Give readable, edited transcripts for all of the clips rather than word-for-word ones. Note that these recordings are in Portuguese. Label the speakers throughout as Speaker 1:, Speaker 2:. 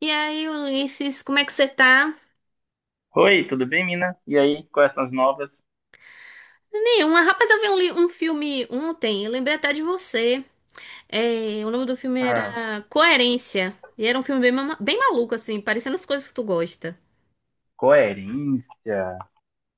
Speaker 1: E aí, Ulisses, como é que você tá?
Speaker 2: Oi, tudo bem, Mina? E aí, quais são as novas?
Speaker 1: Nenhuma. Rapaz, eu vi um, li- um filme ontem, eu lembrei até de você. É, o nome do filme
Speaker 2: Ah,
Speaker 1: era Coerência. E era um filme bem maluco, assim, parecendo as coisas que tu gosta.
Speaker 2: coerência.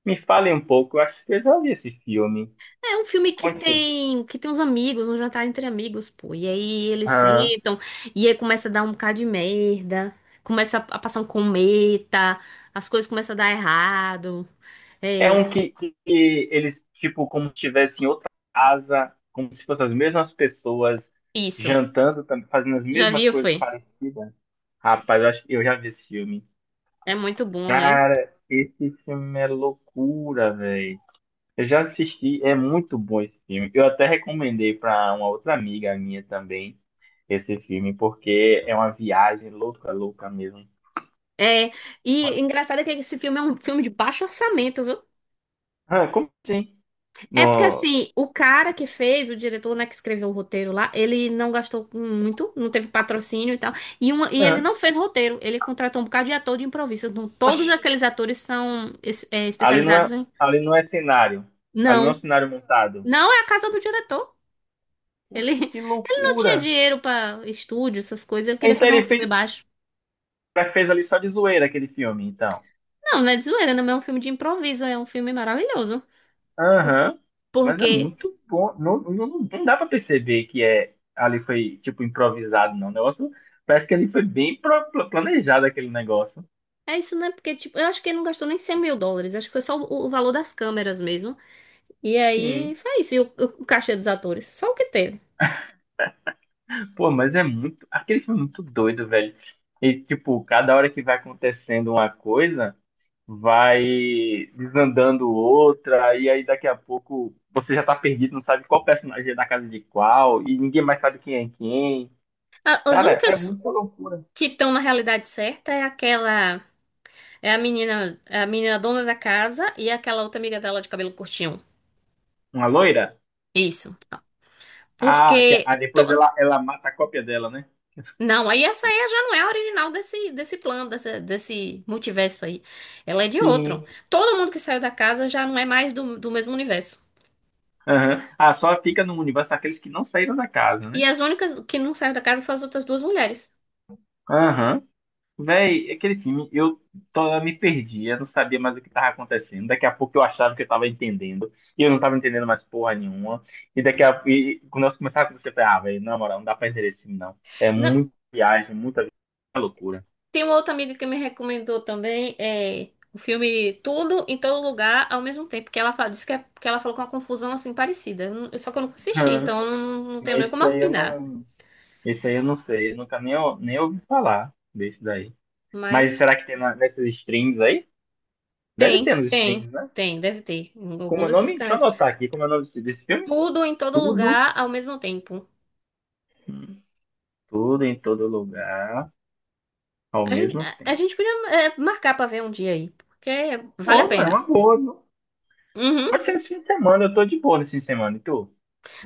Speaker 2: Me fale um pouco, eu acho que eu já vi esse filme.
Speaker 1: É um filme que
Speaker 2: Conte.
Speaker 1: tem que tem uns amigos, um jantar entre amigos, pô. E aí eles
Speaker 2: Ah,
Speaker 1: sentam, e aí começa a dar um bocado de merda, começa a passar um cometa, as coisas começam a dar errado.
Speaker 2: é
Speaker 1: É,
Speaker 2: um que eles, tipo, como se estivessem em outra casa, como se fossem as mesmas pessoas,
Speaker 1: isso.
Speaker 2: jantando, fazendo as
Speaker 1: Já
Speaker 2: mesmas
Speaker 1: viu,
Speaker 2: coisas
Speaker 1: foi?
Speaker 2: parecidas. Rapaz, eu acho que eu já vi esse filme.
Speaker 1: É muito bom, né?
Speaker 2: Cara, esse filme é loucura, velho. Eu já assisti, é muito bom esse filme. Eu até recomendei para uma outra amiga minha também esse filme, porque é uma viagem louca, louca mesmo.
Speaker 1: É, e engraçado é que esse filme é um filme de baixo orçamento, viu?
Speaker 2: Ah, como assim?
Speaker 1: É porque
Speaker 2: No...
Speaker 1: assim, o cara que fez, o diretor, né, que escreveu o roteiro lá, ele não gastou muito, não teve patrocínio e tal, e ele
Speaker 2: Ah,
Speaker 1: não fez roteiro, ele contratou um bocado de ator de improviso, então todos
Speaker 2: oxe,
Speaker 1: aqueles atores são
Speaker 2: ali não
Speaker 1: especializados
Speaker 2: é,
Speaker 1: em...
Speaker 2: ali não é cenário. Ali não é um
Speaker 1: Não,
Speaker 2: cenário montado.
Speaker 1: não é a casa do diretor, ele,
Speaker 2: Oxe, que
Speaker 1: ele não tinha
Speaker 2: loucura!
Speaker 1: dinheiro pra estúdio, essas coisas, ele queria
Speaker 2: Então
Speaker 1: fazer um
Speaker 2: ele
Speaker 1: filme baixo.
Speaker 2: fez ali só de zoeira aquele filme, então.
Speaker 1: Não, não é de zoeira, não é um filme de improviso, é um filme maravilhoso,
Speaker 2: Aham. Mas é
Speaker 1: porque...
Speaker 2: muito bom. Não, não dá pra perceber que é ali foi tipo improvisado, não. O negócio parece que ali foi bem planejado aquele negócio.
Speaker 1: É isso, né? Porque, tipo, eu acho que ele não gastou nem US$ 100.000. Acho que foi só o valor das câmeras mesmo. E aí,
Speaker 2: Sim.
Speaker 1: foi isso. E o cachê dos atores. Só o que teve.
Speaker 2: Pô, mas é muito. Aquele filme é muito doido, velho. E tipo, cada hora que vai acontecendo uma coisa, vai desandando outra, e aí daqui a pouco você já tá perdido, não sabe qual personagem é da casa de qual, e ninguém mais sabe quem é quem.
Speaker 1: A- as
Speaker 2: Cara, é
Speaker 1: únicas
Speaker 2: muita loucura.
Speaker 1: que estão na realidade certa é aquela... é a menina dona da casa e aquela outra amiga dela de cabelo curtinho.
Speaker 2: Uma loira?
Speaker 1: Isso. Porque...
Speaker 2: Ah, depois
Speaker 1: to-
Speaker 2: ela mata a cópia dela, né?
Speaker 1: Não, aí essa aí já não é a original desse plano, desse multiverso aí. Ela é de outro.
Speaker 2: Sim.
Speaker 1: Todo mundo que saiu da casa já não é mais do mesmo universo.
Speaker 2: Aham. Ah, só fica no universo aqueles que não saíram da casa, né?
Speaker 1: E as únicas que não saíram da casa foram as outras duas mulheres.
Speaker 2: Aham. Véi, tô, eu me perdi, eu não sabia mais o que tava acontecendo. Daqui a pouco eu achava que eu tava entendendo, e eu não tava entendendo mais porra nenhuma. Quando nós começava a acontecer, eu falei, ah, velho, na moral, não dá pra entender esse filme, não. É
Speaker 1: Na-
Speaker 2: muita viagem, muita loucura.
Speaker 1: tem uma outra amiga que me recomendou também o filme Tudo em Todo Lugar ao mesmo tempo, que disse que, que ela falou com uma confusão assim parecida. Eu não- Só que eu nunca assisti,
Speaker 2: Aham.
Speaker 1: então eu não tenho
Speaker 2: Mas
Speaker 1: nem como opinar.
Speaker 2: isso aí eu não sei, eu nunca nem, nem ouvi falar desse daí. Mas
Speaker 1: Mas
Speaker 2: será que tem nessas streams aí? Deve ter
Speaker 1: tem,
Speaker 2: nos
Speaker 1: tem,
Speaker 2: streams, né?
Speaker 1: tem, deve ter. Em
Speaker 2: Como
Speaker 1: algum
Speaker 2: é o
Speaker 1: desses
Speaker 2: nome? Deixa eu
Speaker 1: canais.
Speaker 2: anotar aqui como é o nome desse filme.
Speaker 1: Tudo em Todo
Speaker 2: Tudo,
Speaker 1: Lugar ao mesmo tempo.
Speaker 2: tudo em todo lugar, ao
Speaker 1: A gente,
Speaker 2: mesmo
Speaker 1: a, a
Speaker 2: tempo.
Speaker 1: gente podia marcar pra ver um dia aí, porque
Speaker 2: Pô,
Speaker 1: vale a
Speaker 2: mano, é uma
Speaker 1: pena.
Speaker 2: boa. Viu?
Speaker 1: Uhum,
Speaker 2: Pode ser esse fim de semana, eu tô de boa nesse fim de semana. E tu?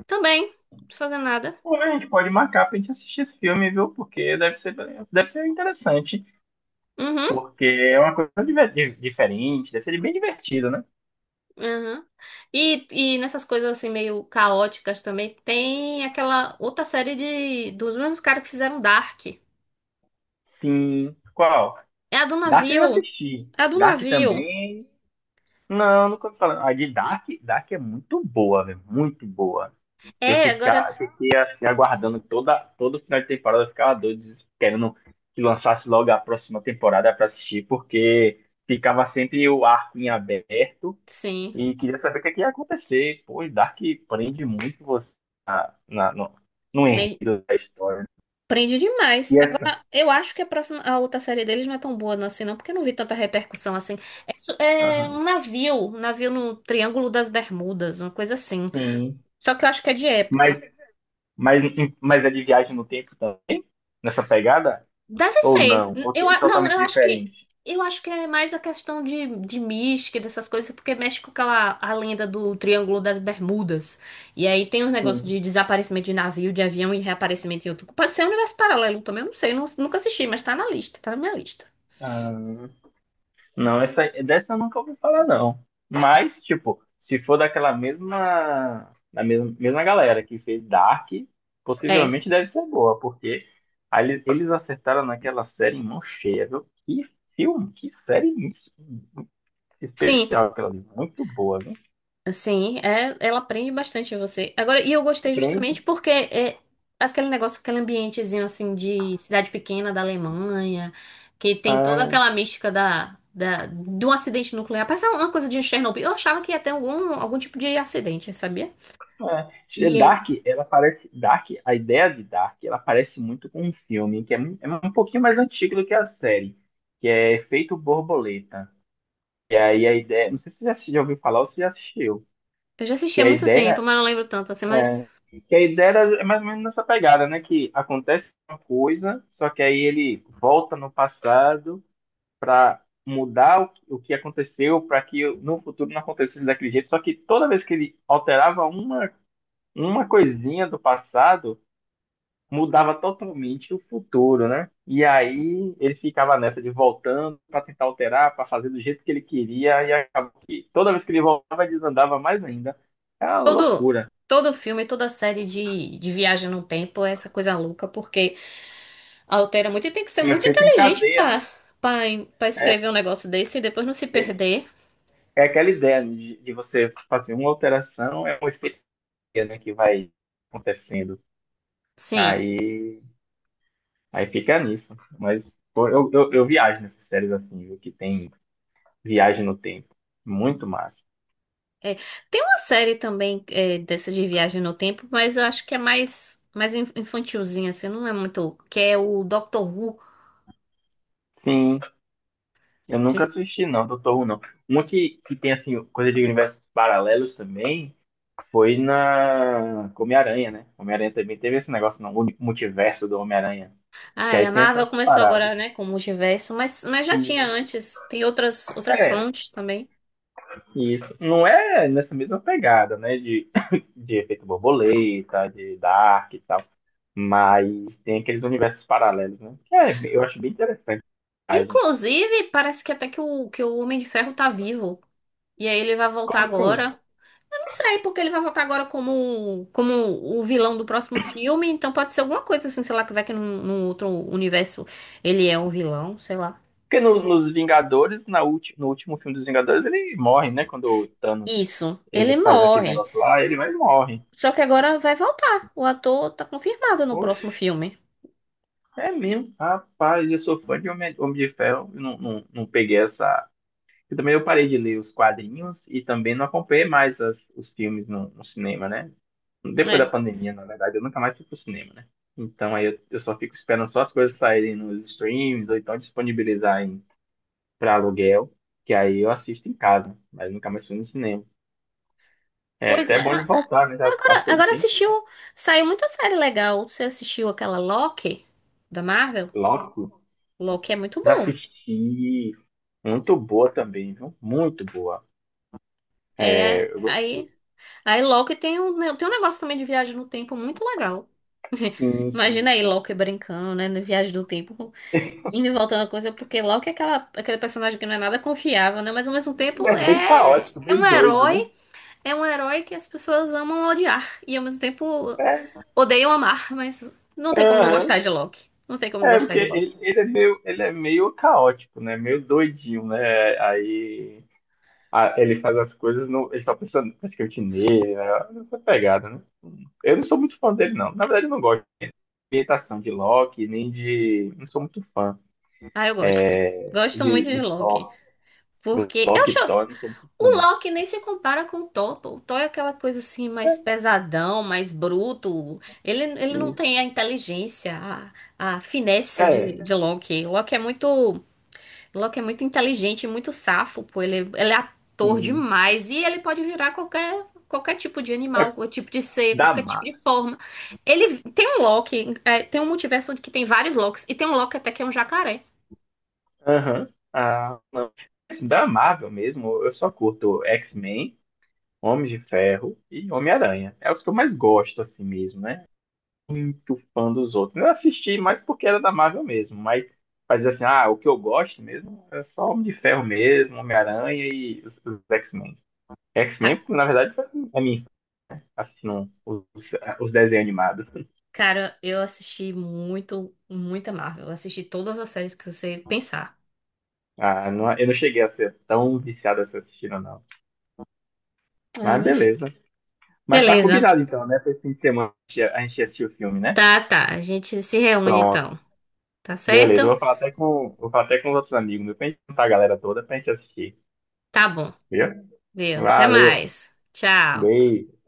Speaker 1: também, não tô fazendo nada.
Speaker 2: Pô, a gente pode marcar pra gente assistir esse filme, viu? Porque deve deve ser interessante.
Speaker 1: Uhum.
Speaker 2: Porque é uma coisa diferente, deve ser bem divertido, né?
Speaker 1: Aham. E nessas coisas assim meio caóticas também, tem aquela outra série de dos mesmos caras que fizeram Dark.
Speaker 2: Sim. Qual?
Speaker 1: É a do
Speaker 2: Dark eu
Speaker 1: navio.
Speaker 2: assisti.
Speaker 1: É a do
Speaker 2: Dark
Speaker 1: navio.
Speaker 2: também. Não, nunca ouvi falar. A de Dark é muito boa, velho. Muito boa.
Speaker 1: É, agora
Speaker 2: Fiquei assim, aguardando todo final de temporada, eu ficava doido, querendo que lançasse logo a próxima temporada pra assistir, porque ficava sempre o arco em aberto
Speaker 1: sim.
Speaker 2: e queria saber o que, é que ia acontecer. Pô, e Dark prende muito você na, no, no
Speaker 1: Bem,
Speaker 2: enredo da história.
Speaker 1: prende demais.
Speaker 2: E essa?
Speaker 1: Agora, eu acho que a outra série deles não é tão boa não, assim, não, porque eu não vi tanta repercussão assim. É, é
Speaker 2: Aham.
Speaker 1: um navio no Triângulo das Bermudas, uma coisa assim.
Speaker 2: Sim.
Speaker 1: Só que eu acho que é de época.
Speaker 2: Mas, mas, mas é de viagem no tempo também, nessa pegada?
Speaker 1: Deve
Speaker 2: Ou
Speaker 1: ser.
Speaker 2: não? Ou é
Speaker 1: Não,
Speaker 2: totalmente
Speaker 1: eu acho que
Speaker 2: diferente?
Speaker 1: eu acho que é mais a questão de mística, dessas coisas, porque mexe com aquela a lenda do Triângulo das Bermudas. E aí tem os negócios
Speaker 2: Sim.
Speaker 1: de desaparecimento de navio, de avião e reaparecimento em outro. Pode ser um universo paralelo também, eu não sei, nunca assisti, mas tá na lista, tá na minha lista.
Speaker 2: Ah, não, essa, dessa eu nunca ouvi falar, não. Mas, tipo, se for daquela mesma, da mesma, mesma galera que fez Dark,
Speaker 1: É.
Speaker 2: possivelmente deve ser boa, porque aí eles acertaram naquela série em mão cheia, viu? Que série
Speaker 1: Sim,
Speaker 2: especial aquela ali, muito boa, viu?
Speaker 1: Sim, é, ela aprende bastante você. Agora, e eu gostei
Speaker 2: Prende.
Speaker 1: justamente porque é aquele negócio, aquele ambientezinho assim de cidade pequena da Alemanha, que tem toda aquela mística do acidente nuclear. Parece uma coisa de um Chernobyl. Eu achava que ia ter algum tipo de acidente, sabia?
Speaker 2: É,
Speaker 1: E é,
Speaker 2: Dark, ela parece. Dark, a ideia de Dark, ela parece muito com um filme que é, é um pouquinho mais antigo do que a série, que é Efeito Borboleta. Aí a ideia. Não sei se você já ouviu falar ou se já assistiu.
Speaker 1: eu já assisti
Speaker 2: Que
Speaker 1: há
Speaker 2: a
Speaker 1: muito
Speaker 2: ideia.
Speaker 1: tempo, mas não lembro tanto assim,
Speaker 2: É,
Speaker 1: mas
Speaker 2: que a ideia é mais ou menos nessa pegada, né? Que acontece uma coisa, só que aí ele volta no passado para mudar o que aconteceu para que no futuro não acontecesse daquele jeito. Só que toda vez que ele alterava uma coisinha do passado mudava totalmente o futuro, né? E aí ele ficava nessa de voltando para tentar alterar, para fazer do jeito que ele queria e acabou que toda vez que ele voltava desandava mais ainda. É uma
Speaker 1: todo,
Speaker 2: loucura.
Speaker 1: todo filme, toda série de viagem no tempo é essa coisa louca, porque altera muito e tem que ser
Speaker 2: Um
Speaker 1: muito
Speaker 2: efeito em
Speaker 1: inteligente
Speaker 2: cadeia,
Speaker 1: pra
Speaker 2: né?
Speaker 1: para
Speaker 2: É,
Speaker 1: escrever um negócio desse e depois não se
Speaker 2: é
Speaker 1: perder.
Speaker 2: é aquela ideia de você fazer uma alteração, é um efeito, né, que vai acontecendo.
Speaker 1: Sim.
Speaker 2: Aí, aí fica nisso. Mas pô, eu viajo nessas séries assim, viu? Que tem viagem no tempo. Muito massa.
Speaker 1: É. Tem uma série também dessa de viagem no tempo, mas eu acho que é mais infantilzinha, assim, não é muito. Que é o Doctor Who.
Speaker 2: Sim, eu nunca assisti, não, Doutor Who, não. Uma que tem, assim, coisa de universos paralelos também foi na Homem-Aranha, né? Homem-Aranha também teve esse negócio não o único multiverso do Homem-Aranha.
Speaker 1: Ah,
Speaker 2: Que
Speaker 1: é,
Speaker 2: aí
Speaker 1: a
Speaker 2: tem
Speaker 1: Marvel
Speaker 2: essas
Speaker 1: começou
Speaker 2: paradas.
Speaker 1: agora, né, com o multiverso, mas já tinha
Speaker 2: E,
Speaker 1: antes. Tem outras
Speaker 2: é,
Speaker 1: fontes também.
Speaker 2: isso. Não é nessa mesma pegada, né? De, de efeito borboleta, de Dark e tal. Mas tem aqueles universos paralelos, né? Que é, eu acho bem interessante.
Speaker 1: Inclusive, parece que até que o Homem de Ferro tá vivo. E aí ele vai voltar
Speaker 2: Como assim?
Speaker 1: agora. Não sei, porque ele vai voltar agora como o vilão do próximo filme, então pode ser alguma coisa assim, sei lá, que vai que num outro universo ele é um vilão, sei lá.
Speaker 2: Porque nos Vingadores, na no último filme dos Vingadores, ele morre, né? Quando o Thanos
Speaker 1: Isso, ele
Speaker 2: ele faz aquele
Speaker 1: morre.
Speaker 2: negócio lá, ele vai e morre.
Speaker 1: Só que agora vai voltar. O ator tá confirmado no
Speaker 2: Poxa,
Speaker 1: próximo filme.
Speaker 2: é mesmo. Rapaz, eu sou fã de Homem, Homem de Ferro. Eu não peguei essa. Eu também eu parei de ler os quadrinhos e também não acompanhei mais os filmes no cinema, né? Depois da
Speaker 1: É.
Speaker 2: pandemia, na verdade, eu nunca mais fui pro cinema, né? Então aí eu só fico esperando só as coisas saírem nos streams ou então disponibilizarem para aluguel, que aí eu assisto em casa, mas nunca mais fui no cinema. É
Speaker 1: Pois é.
Speaker 2: até bom de
Speaker 1: a-
Speaker 2: voltar, né? Já
Speaker 1: Agora,
Speaker 2: passou um
Speaker 1: agora
Speaker 2: tempo.
Speaker 1: assistiu. Saiu muita série legal. Você assistiu aquela Loki da Marvel?
Speaker 2: Lógico,
Speaker 1: Loki é muito
Speaker 2: já
Speaker 1: bom.
Speaker 2: assisti. Muito boa também, viu? Muito boa.
Speaker 1: É,
Speaker 2: É, eu
Speaker 1: aí,
Speaker 2: gostei.
Speaker 1: aí Loki tem um, né, tem um negócio também de viagem no tempo muito legal.
Speaker 2: Sim, sim.
Speaker 1: Imagina aí Loki brincando, né, no Viagem do Tempo, indo e voltando a coisa, porque Loki é aquela, aquele personagem que não é nada confiável, né, mas ao mesmo
Speaker 2: E
Speaker 1: tempo
Speaker 2: é bem
Speaker 1: é,
Speaker 2: caótico,
Speaker 1: é
Speaker 2: bem
Speaker 1: um
Speaker 2: doido, né?
Speaker 1: herói, é um herói que as pessoas amam odiar, e ao mesmo tempo
Speaker 2: É,
Speaker 1: odeiam amar, mas não tem como não
Speaker 2: aham.
Speaker 1: gostar de Loki, não tem como não
Speaker 2: É,
Speaker 1: gostar
Speaker 2: porque
Speaker 1: de Loki.
Speaker 2: ele é meio caótico, né? Meio doidinho, né? Aí ele faz as coisas, no, ele tá pensando praticamente nele, né? Essa pegada, né? Eu não sou muito fã dele, não. Na verdade, eu não gosto de imitação de Loki, nem de. Não sou muito fã
Speaker 1: Ah, eu gosto, gosto muito de
Speaker 2: de
Speaker 1: Loki,
Speaker 2: Thor. No
Speaker 1: porque eu choro.
Speaker 2: lockdown, não
Speaker 1: O
Speaker 2: funciona.
Speaker 1: Loki nem se compara com o Thor. Pô. O Thor é aquela coisa assim, mais pesadão, mais bruto. Ele não tem a inteligência, a finesse
Speaker 2: É,
Speaker 1: de Loki. Loki é muito inteligente, muito safo, pô. Ele é ator
Speaker 2: sim.
Speaker 1: demais e ele pode virar qualquer tipo de
Speaker 2: É
Speaker 1: animal, qualquer tipo de ser,
Speaker 2: da
Speaker 1: qualquer tipo de
Speaker 2: Marvel.
Speaker 1: forma. Ele tem um Loki, é, tem um multiverso onde que tem vários Lokis e tem um Loki até que é um jacaré.
Speaker 2: Aham. Ah, não. Assim, da Marvel mesmo, eu só curto X-Men, Homem de Ferro e Homem-Aranha. É os que eu mais gosto, assim mesmo, né? Muito fã dos outros. Eu assisti mais porque era da Marvel mesmo, mas assim, ah, o que eu gosto mesmo é só Homem de Ferro mesmo, Homem-Aranha e os X-Men. X-Men, na verdade, foi a mim assistindo os desenhos animados.
Speaker 1: Cara, eu assisti muito, muita Marvel. Eu assisti todas as séries que você pensar.
Speaker 2: Ah, eu não cheguei a ser tão viciado assim assistindo, não.
Speaker 1: Ah,
Speaker 2: Mas
Speaker 1: mas
Speaker 2: beleza. Mas tá
Speaker 1: Beleza.
Speaker 2: combinado então, né? Pra esse fim de semana a gente assistir o filme, né?
Speaker 1: Tá, tá. A gente se reúne
Speaker 2: Pronto.
Speaker 1: então. Tá
Speaker 2: Beleza. Eu
Speaker 1: certo?
Speaker 2: vou falar até com, vou falar até com os outros amigos, meu, pra gente juntar a galera toda pra gente assistir.
Speaker 1: Tá bom.
Speaker 2: Viu?
Speaker 1: Viu? Até
Speaker 2: Valeu.
Speaker 1: mais. Tchau.
Speaker 2: Beijo.